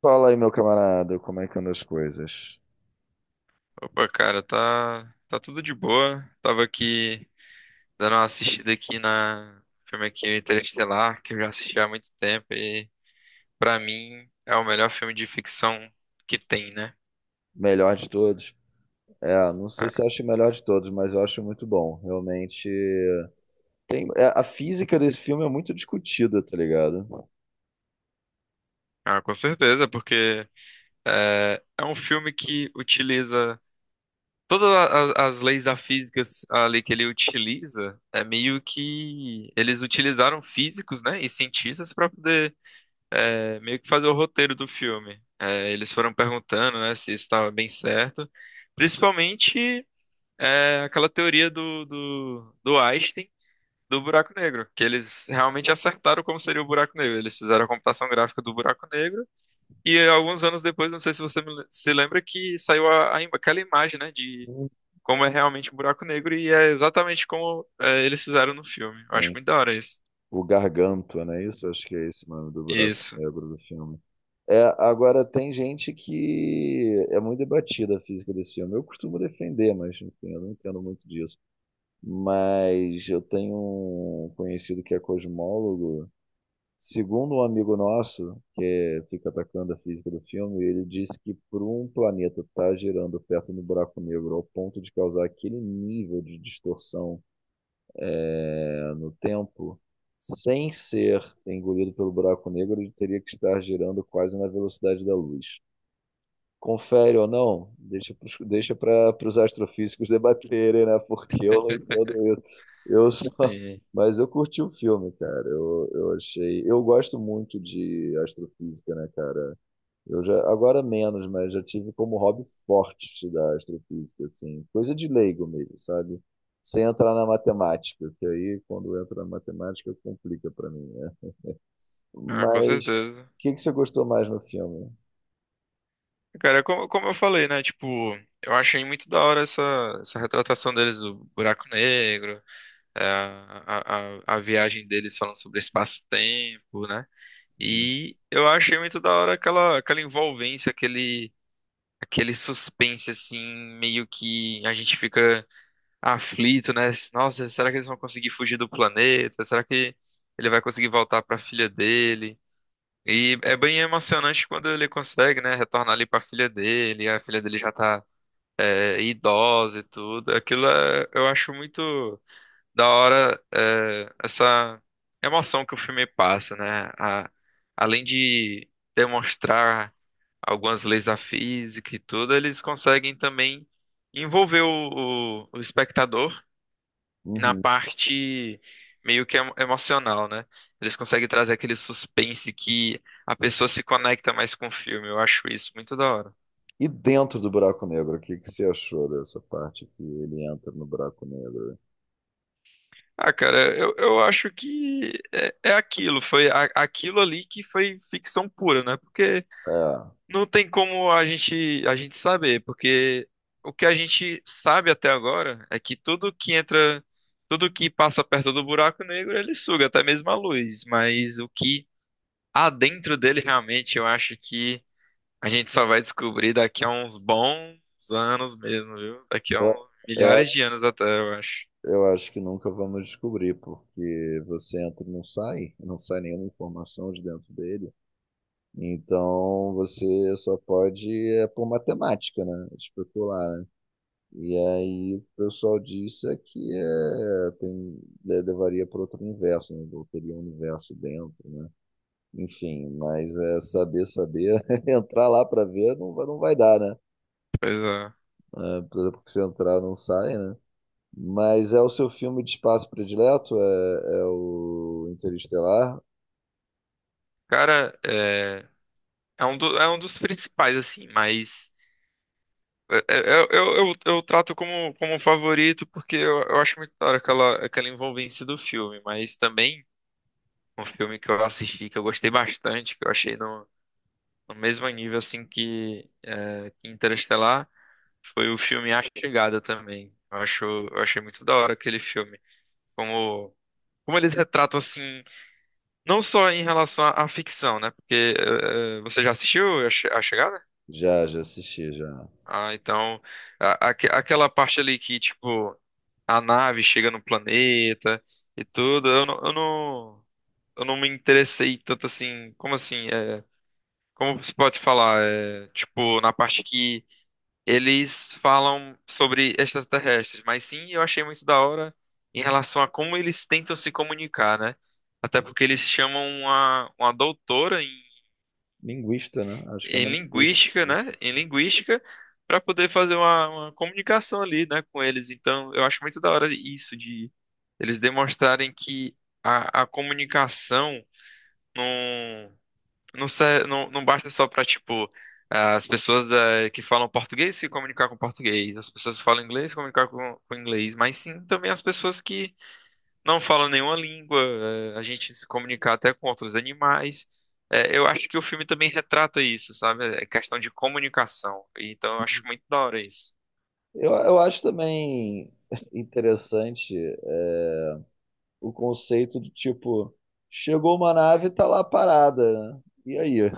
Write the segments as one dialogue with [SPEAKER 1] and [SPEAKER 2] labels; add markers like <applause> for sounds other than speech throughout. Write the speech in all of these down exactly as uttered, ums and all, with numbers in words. [SPEAKER 1] Fala aí, meu camarada, como é que andam as coisas?
[SPEAKER 2] Opa, cara, tá, tá tudo de boa. Tava aqui dando uma assistida aqui na filme aqui Interestelar, que eu já assisti há muito tempo e pra mim é o melhor filme de ficção que tem, né?
[SPEAKER 1] Melhor de todos? É, não sei
[SPEAKER 2] Ah,
[SPEAKER 1] se eu acho o melhor de todos, mas eu acho muito bom. Realmente, tem, é, a física desse filme é muito discutida, tá ligado?
[SPEAKER 2] ah, com certeza, porque é, é um filme que utiliza todas a- a- as, leis da física ali que ele utiliza, é meio que eles utilizaram físicos, né, e cientistas para é, meio que fazer o roteiro do filme. É, eles foram perguntando, né, se isso estava bem certo. Principalmente é, aquela teoria do, do, do Einstein do buraco negro, que eles realmente acertaram como seria o buraco negro. Eles fizeram a computação gráfica do buraco negro e alguns anos depois, não sei se você me se lembra, que saiu a, a im- aquela imagem, né, de
[SPEAKER 1] Hum.
[SPEAKER 2] como é realmente um buraco negro e é exatamente como é, eles fizeram no filme. Eu acho
[SPEAKER 1] Sim.
[SPEAKER 2] muito da hora isso.
[SPEAKER 1] O Gargantua, não é isso? Acho que é esse o nome do buraco
[SPEAKER 2] Isso.
[SPEAKER 1] negro do filme. É, agora, tem gente que é muito debatida a física desse filme. Eu costumo defender, mas enfim, eu não entendo muito disso. Mas eu tenho um conhecido que é cosmólogo. Segundo um amigo nosso, que é, fica atacando a física do filme, ele diz que para um planeta estar girando perto do buraco negro ao ponto de causar aquele nível de distorção, né, no tempo, sem ser engolido pelo buraco negro, ele teria que estar girando quase na velocidade da luz. Confere ou não, deixa para deixa os astrofísicos <laughs> debaterem, né? Porque eu não entendo isso. Eu só,
[SPEAKER 2] Sim.
[SPEAKER 1] mas eu curti o filme, cara. Eu, eu achei. Eu gosto muito de astrofísica, né, cara? Eu já, agora menos, mas já tive como hobby forte da astrofísica, assim. Coisa de leigo mesmo, sabe? Sem entrar na matemática, que aí quando entra na matemática complica para mim, né?
[SPEAKER 2] Ah, com
[SPEAKER 1] Mas o
[SPEAKER 2] certeza.
[SPEAKER 1] que que você gostou mais no filme?
[SPEAKER 2] Cara, como, como eu falei, né? Tipo, eu achei muito da hora essa, essa retratação deles do buraco negro, é, a, a, a viagem deles falando sobre espaço-tempo, né? E eu achei muito da hora aquela, aquela envolvência, aquele, aquele suspense, assim, meio que a gente fica aflito, né? Nossa, será que eles vão conseguir fugir do planeta? Será que ele vai conseguir voltar para a filha dele? E é bem emocionante quando ele consegue, né, retornar ali pra filha dele, a filha dele já tá é, idosa e tudo. Aquilo é- eu acho muito da hora é, essa emoção que o filme passa, né? A- além de demonstrar algumas leis da física e tudo, eles conseguem também envolver o, o o espectador na
[SPEAKER 1] Uhum.
[SPEAKER 2] parte meio que emo- emocional, né? Eles conseguem trazer aquele suspense que a pessoa se conecta mais com o filme. Eu acho isso muito da hora.
[SPEAKER 1] E dentro do buraco negro, o que que você achou dessa parte que ele entra no buraco negro?
[SPEAKER 2] Ah, cara, eu, eu acho que é, é aquilo, foi a- aquilo ali que foi ficção pura, né? Porque
[SPEAKER 1] É,
[SPEAKER 2] não tem como a gente a gente saber, porque o que a gente sabe até agora é que tudo que entra, tudo que passa perto do buraco negro, ele suga, até mesmo a luz, mas o que há dentro dele realmente, eu acho que a gente só vai descobrir daqui a uns bons anos mesmo, viu? Daqui a
[SPEAKER 1] eu,
[SPEAKER 2] uns
[SPEAKER 1] eu
[SPEAKER 2] milhares de
[SPEAKER 1] acho,
[SPEAKER 2] anos até, eu acho.
[SPEAKER 1] eu acho que nunca vamos descobrir, porque você entra e não sai, não sai nenhuma informação de dentro dele. Então você só pode, é por matemática, né? Especular, né? E aí o pessoal disse é que é, tem, é, levaria para outro universo, né? Teria um universo dentro, né? Enfim, mas é saber, saber, <laughs> entrar lá para ver não, vai- não vai dar, né?
[SPEAKER 2] Pois é.
[SPEAKER 1] É, porque se entrar não sai, né? Mas é o seu filme de espaço predileto? É, é o Interestelar?
[SPEAKER 2] Cara, é, é, um, do- é um dos principais, assim, mas é- é- eu, eu, eu, eu trato como, como um favorito porque eu, eu acho muito da hora aquela, aquela envolvência do filme, mas também um filme que eu assisti, que eu gostei bastante, que eu achei no, no mesmo nível, assim, que, é, que Interestelar, foi o filme A Chegada também. Eu acho, eu achei muito da hora aquele filme. Como, como eles retratam, assim, não só em relação à, à ficção, né? Porque eh, você já assistiu a, Che- a Chegada?
[SPEAKER 1] Já, já assisti, já.
[SPEAKER 2] Ah, então, a- aque- aquela parte ali que, tipo, a nave chega no planeta e tudo, eu não, eu não, eu não me interessei tanto assim, como assim, é, como se pode falar, é, tipo, na parte que eles falam sobre extraterrestres, mas sim, eu achei muito da hora em relação a como eles tentam se comunicar, né? Até porque eles chamam uma, uma doutora em,
[SPEAKER 1] Linguista, né? Acho que é
[SPEAKER 2] em
[SPEAKER 1] uma linguista.
[SPEAKER 2] linguística, né? Em linguística, para poder fazer uma, uma comunicação ali, né, com eles. Então, eu acho muito da hora isso de eles demonstrarem que a, a comunicação. Não, se- não, não basta só para, tipo, as pessoas da- que falam português se comunicar com português, as pessoas que falam inglês se comunicar com, com inglês, mas sim também as pessoas que não falam nenhuma língua, eh, a gente se comunicar até com outros animais. Eh, eu acho que o filme também retrata isso, sabe? É questão de comunicação. Então eu acho muito da hora isso.
[SPEAKER 1] Eu, eu acho também <laughs> interessante o conceito de tipo, chegou uma nave e tá lá parada, né? E aí,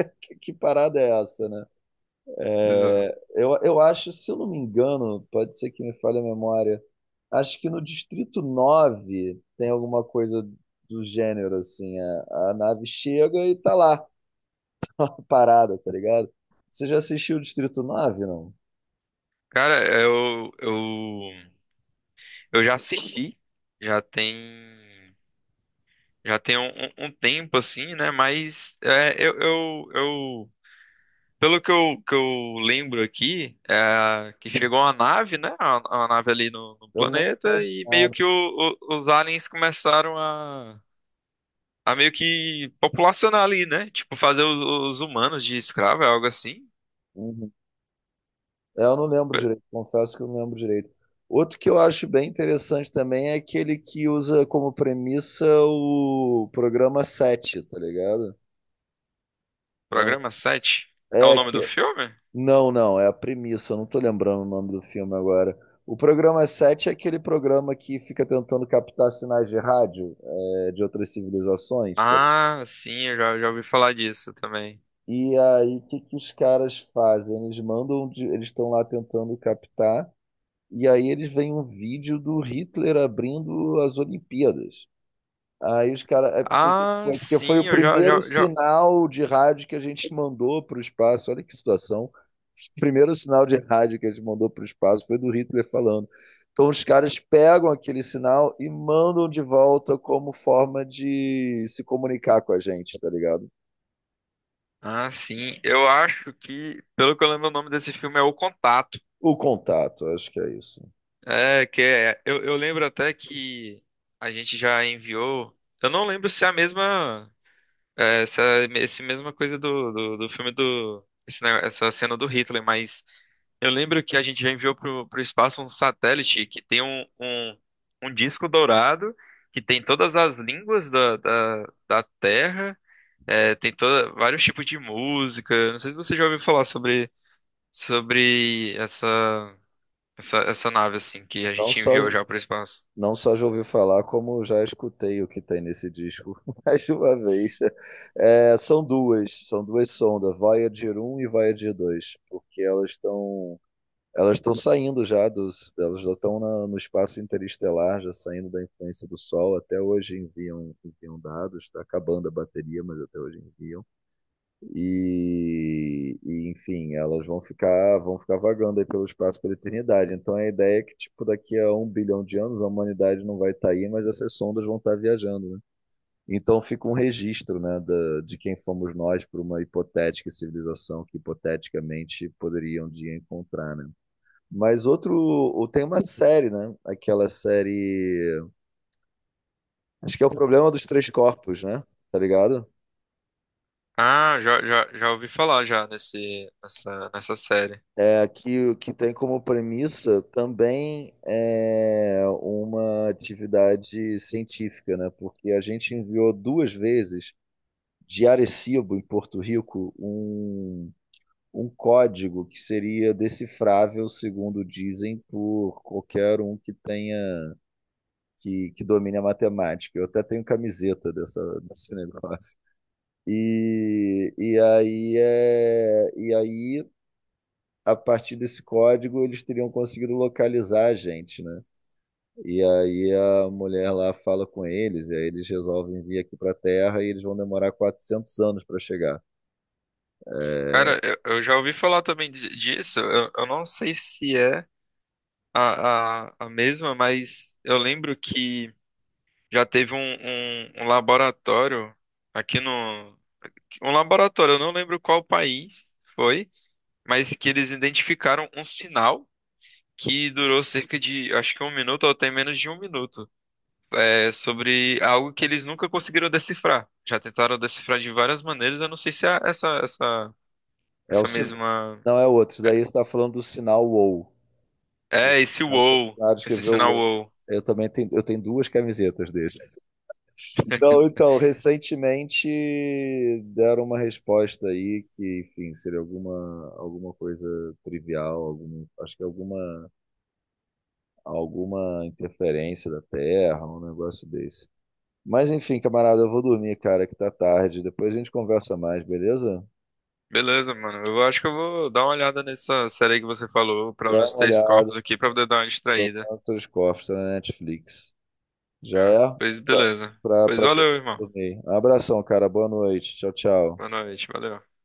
[SPEAKER 1] <laughs> que, que parada é essa, né?
[SPEAKER 2] Exato.
[SPEAKER 1] É, eu, eu acho, se eu não me engano, pode ser que me falhe a memória, acho que no Distrito Nove tem alguma coisa do gênero, assim, a, a nave chega e tá lá, parada, tá ligado? Você já assistiu o Distrito Nove não?
[SPEAKER 2] Cara, eu, eu, eu já assisti, já tem, já tem um, um- um tempo assim, né? Mas é, eu, eu, eu pelo que eu, que eu lembro aqui, é que chegou uma nave, né? Uma, uma nave ali no, no
[SPEAKER 1] Eu não lembro
[SPEAKER 2] planeta
[SPEAKER 1] quase
[SPEAKER 2] e meio
[SPEAKER 1] nada.
[SPEAKER 2] que o- o- os aliens começaram a, a meio que populacionar ali, né? Tipo, fazer os, os humanos de escravo, é algo assim.
[SPEAKER 1] Uhum. É, eu não lembro direito, confesso que eu não lembro direito. Outro que eu acho bem interessante também é aquele que usa como premissa o programa Sete, tá ligado? Eu-
[SPEAKER 2] Programa sete. É o
[SPEAKER 1] é,
[SPEAKER 2] nome
[SPEAKER 1] que
[SPEAKER 2] do filme?
[SPEAKER 1] Não, não, é a premissa, eu não tô lembrando o nome do filme agora. O programa sete é aquele programa que fica tentando captar sinais de rádio, é, de outras civilizações, tá?
[SPEAKER 2] Ah, sim, eu já, já ouvi falar disso também.
[SPEAKER 1] E aí, o que que os caras fazem? Eles mandam, de- eles estão lá tentando captar, e aí eles veem um vídeo do Hitler abrindo as Olimpíadas. Aí os caras. É porque,
[SPEAKER 2] Ah,
[SPEAKER 1] foi, porque foi
[SPEAKER 2] sim,
[SPEAKER 1] o
[SPEAKER 2] eu já,
[SPEAKER 1] primeiro
[SPEAKER 2] já, já...
[SPEAKER 1] sinal de rádio que a gente mandou para o espaço. Olha que situação. O primeiro sinal de rádio que a gente mandou para o espaço foi do Hitler falando. Então os caras pegam aquele sinal e mandam de volta como forma de se comunicar com a gente, tá ligado?
[SPEAKER 2] Ah, sim, eu acho que, pelo que eu lembro, o nome desse filme é O Contato.
[SPEAKER 1] O contato, acho que é isso.
[SPEAKER 2] É, que é, eu, eu lembro até que a gente já enviou. Eu não lembro se é a mesma. É, essa, esse mesma coisa do, do, do filme do. Esse ne- essa cena do Hitler, mas eu lembro que a gente já enviou pro, pro espaço um satélite que tem um, um, um disco dourado, que tem todas as línguas da, da, da Terra, é, tem toda, vários tipos de música. Não sei se você já ouviu falar sobre, sobre essa. Essa, essa nave, assim, que a
[SPEAKER 1] Então
[SPEAKER 2] gente
[SPEAKER 1] só,
[SPEAKER 2] enviou já para o espaço.
[SPEAKER 1] Não só já ouvi falar, como já escutei o que tem nesse disco <laughs> mais de uma vez. É, são duas, são duas sondas, Voyager um e Voyager dois, porque elas estão elas estão saindo já dos, elas já estão na- no espaço interestelar, já saindo da influência do Sol. Até hoje enviam, enviam, dados, está acabando a bateria, mas até hoje enviam. E, e, enfim, elas vão ficar, vão ficar vagando aí pelo espaço pela eternidade. Então a ideia é que, tipo, daqui a um bilhão de anos a humanidade não vai estar aí, mas essas sondas vão estar viajando, né? Então fica um registro, né, da, de quem fomos nós para uma hipotética civilização que hipoteticamente poderia um dia encontrar, né? Mas outro, o- tem uma série, né? Aquela série, acho que é o problema dos três corpos, né? Tá ligado?
[SPEAKER 2] Ah, já, já, já ouvi falar já nesse, nessa, nessa série.
[SPEAKER 1] é, que, que tem como premissa também é, uma atividade científica, né? Porque a gente enviou duas vezes de Arecibo, em Porto Rico, um, um código que seria decifrável, segundo dizem, por qualquer um que tenha que, que domine a matemática. Eu até tenho camiseta dessa, desse negócio. E, e aí é, e aí a partir desse código eles teriam conseguido localizar a gente, né? E aí a mulher lá fala com eles, e aí eles resolvem vir aqui para a Terra e eles vão demorar quatrocentos anos para chegar.
[SPEAKER 2] Cara, eu, eu já ouvi falar também di- disso. Eu, eu não sei se é a, a, a mesma, mas eu lembro que já teve um, um, um laboratório aqui no. Um laboratório, eu não lembro qual país foi, mas que eles identificaram um sinal que durou cerca de, acho que um minuto ou até menos de um minuto. É sobre algo que eles nunca conseguiram decifrar. Já tentaram decifrar de várias maneiras, eu não sei se é essa, essa,
[SPEAKER 1] É o
[SPEAKER 2] essa
[SPEAKER 1] sin-
[SPEAKER 2] mesma.
[SPEAKER 1] Não é outro, isso daí você está falando do sinal WoW, que o
[SPEAKER 2] É, esse
[SPEAKER 1] cara foi
[SPEAKER 2] wow,
[SPEAKER 1] lá
[SPEAKER 2] esse
[SPEAKER 1] escrever o
[SPEAKER 2] sinal
[SPEAKER 1] WoW.
[SPEAKER 2] wow.
[SPEAKER 1] Eu também tenho, eu tenho duas camisetas desse. Então, então, recentemente deram uma resposta aí que, enfim, seria alguma, alguma coisa trivial, algum, acho que alguma alguma interferência da Terra, um negócio desse. Mas enfim, camarada, eu vou dormir, cara, que tá tarde. Depois a gente conversa mais, beleza?
[SPEAKER 2] Beleza, mano. Eu acho que eu vou dar uma olhada nessa série que você falou, pelo
[SPEAKER 1] Dá
[SPEAKER 2] menos
[SPEAKER 1] uma
[SPEAKER 2] três
[SPEAKER 1] olhada
[SPEAKER 2] corpos aqui, pra poder dar uma distraída.
[SPEAKER 1] no Telescópio, tá na Netflix. Já é
[SPEAKER 2] Ah, pois
[SPEAKER 1] pra,
[SPEAKER 2] beleza.
[SPEAKER 1] pra,
[SPEAKER 2] Pois
[SPEAKER 1] pra, pra
[SPEAKER 2] valeu, irmão.
[SPEAKER 1] dormir. Um abração, cara. Boa noite. Tchau, tchau.
[SPEAKER 2] Boa noite, valeu.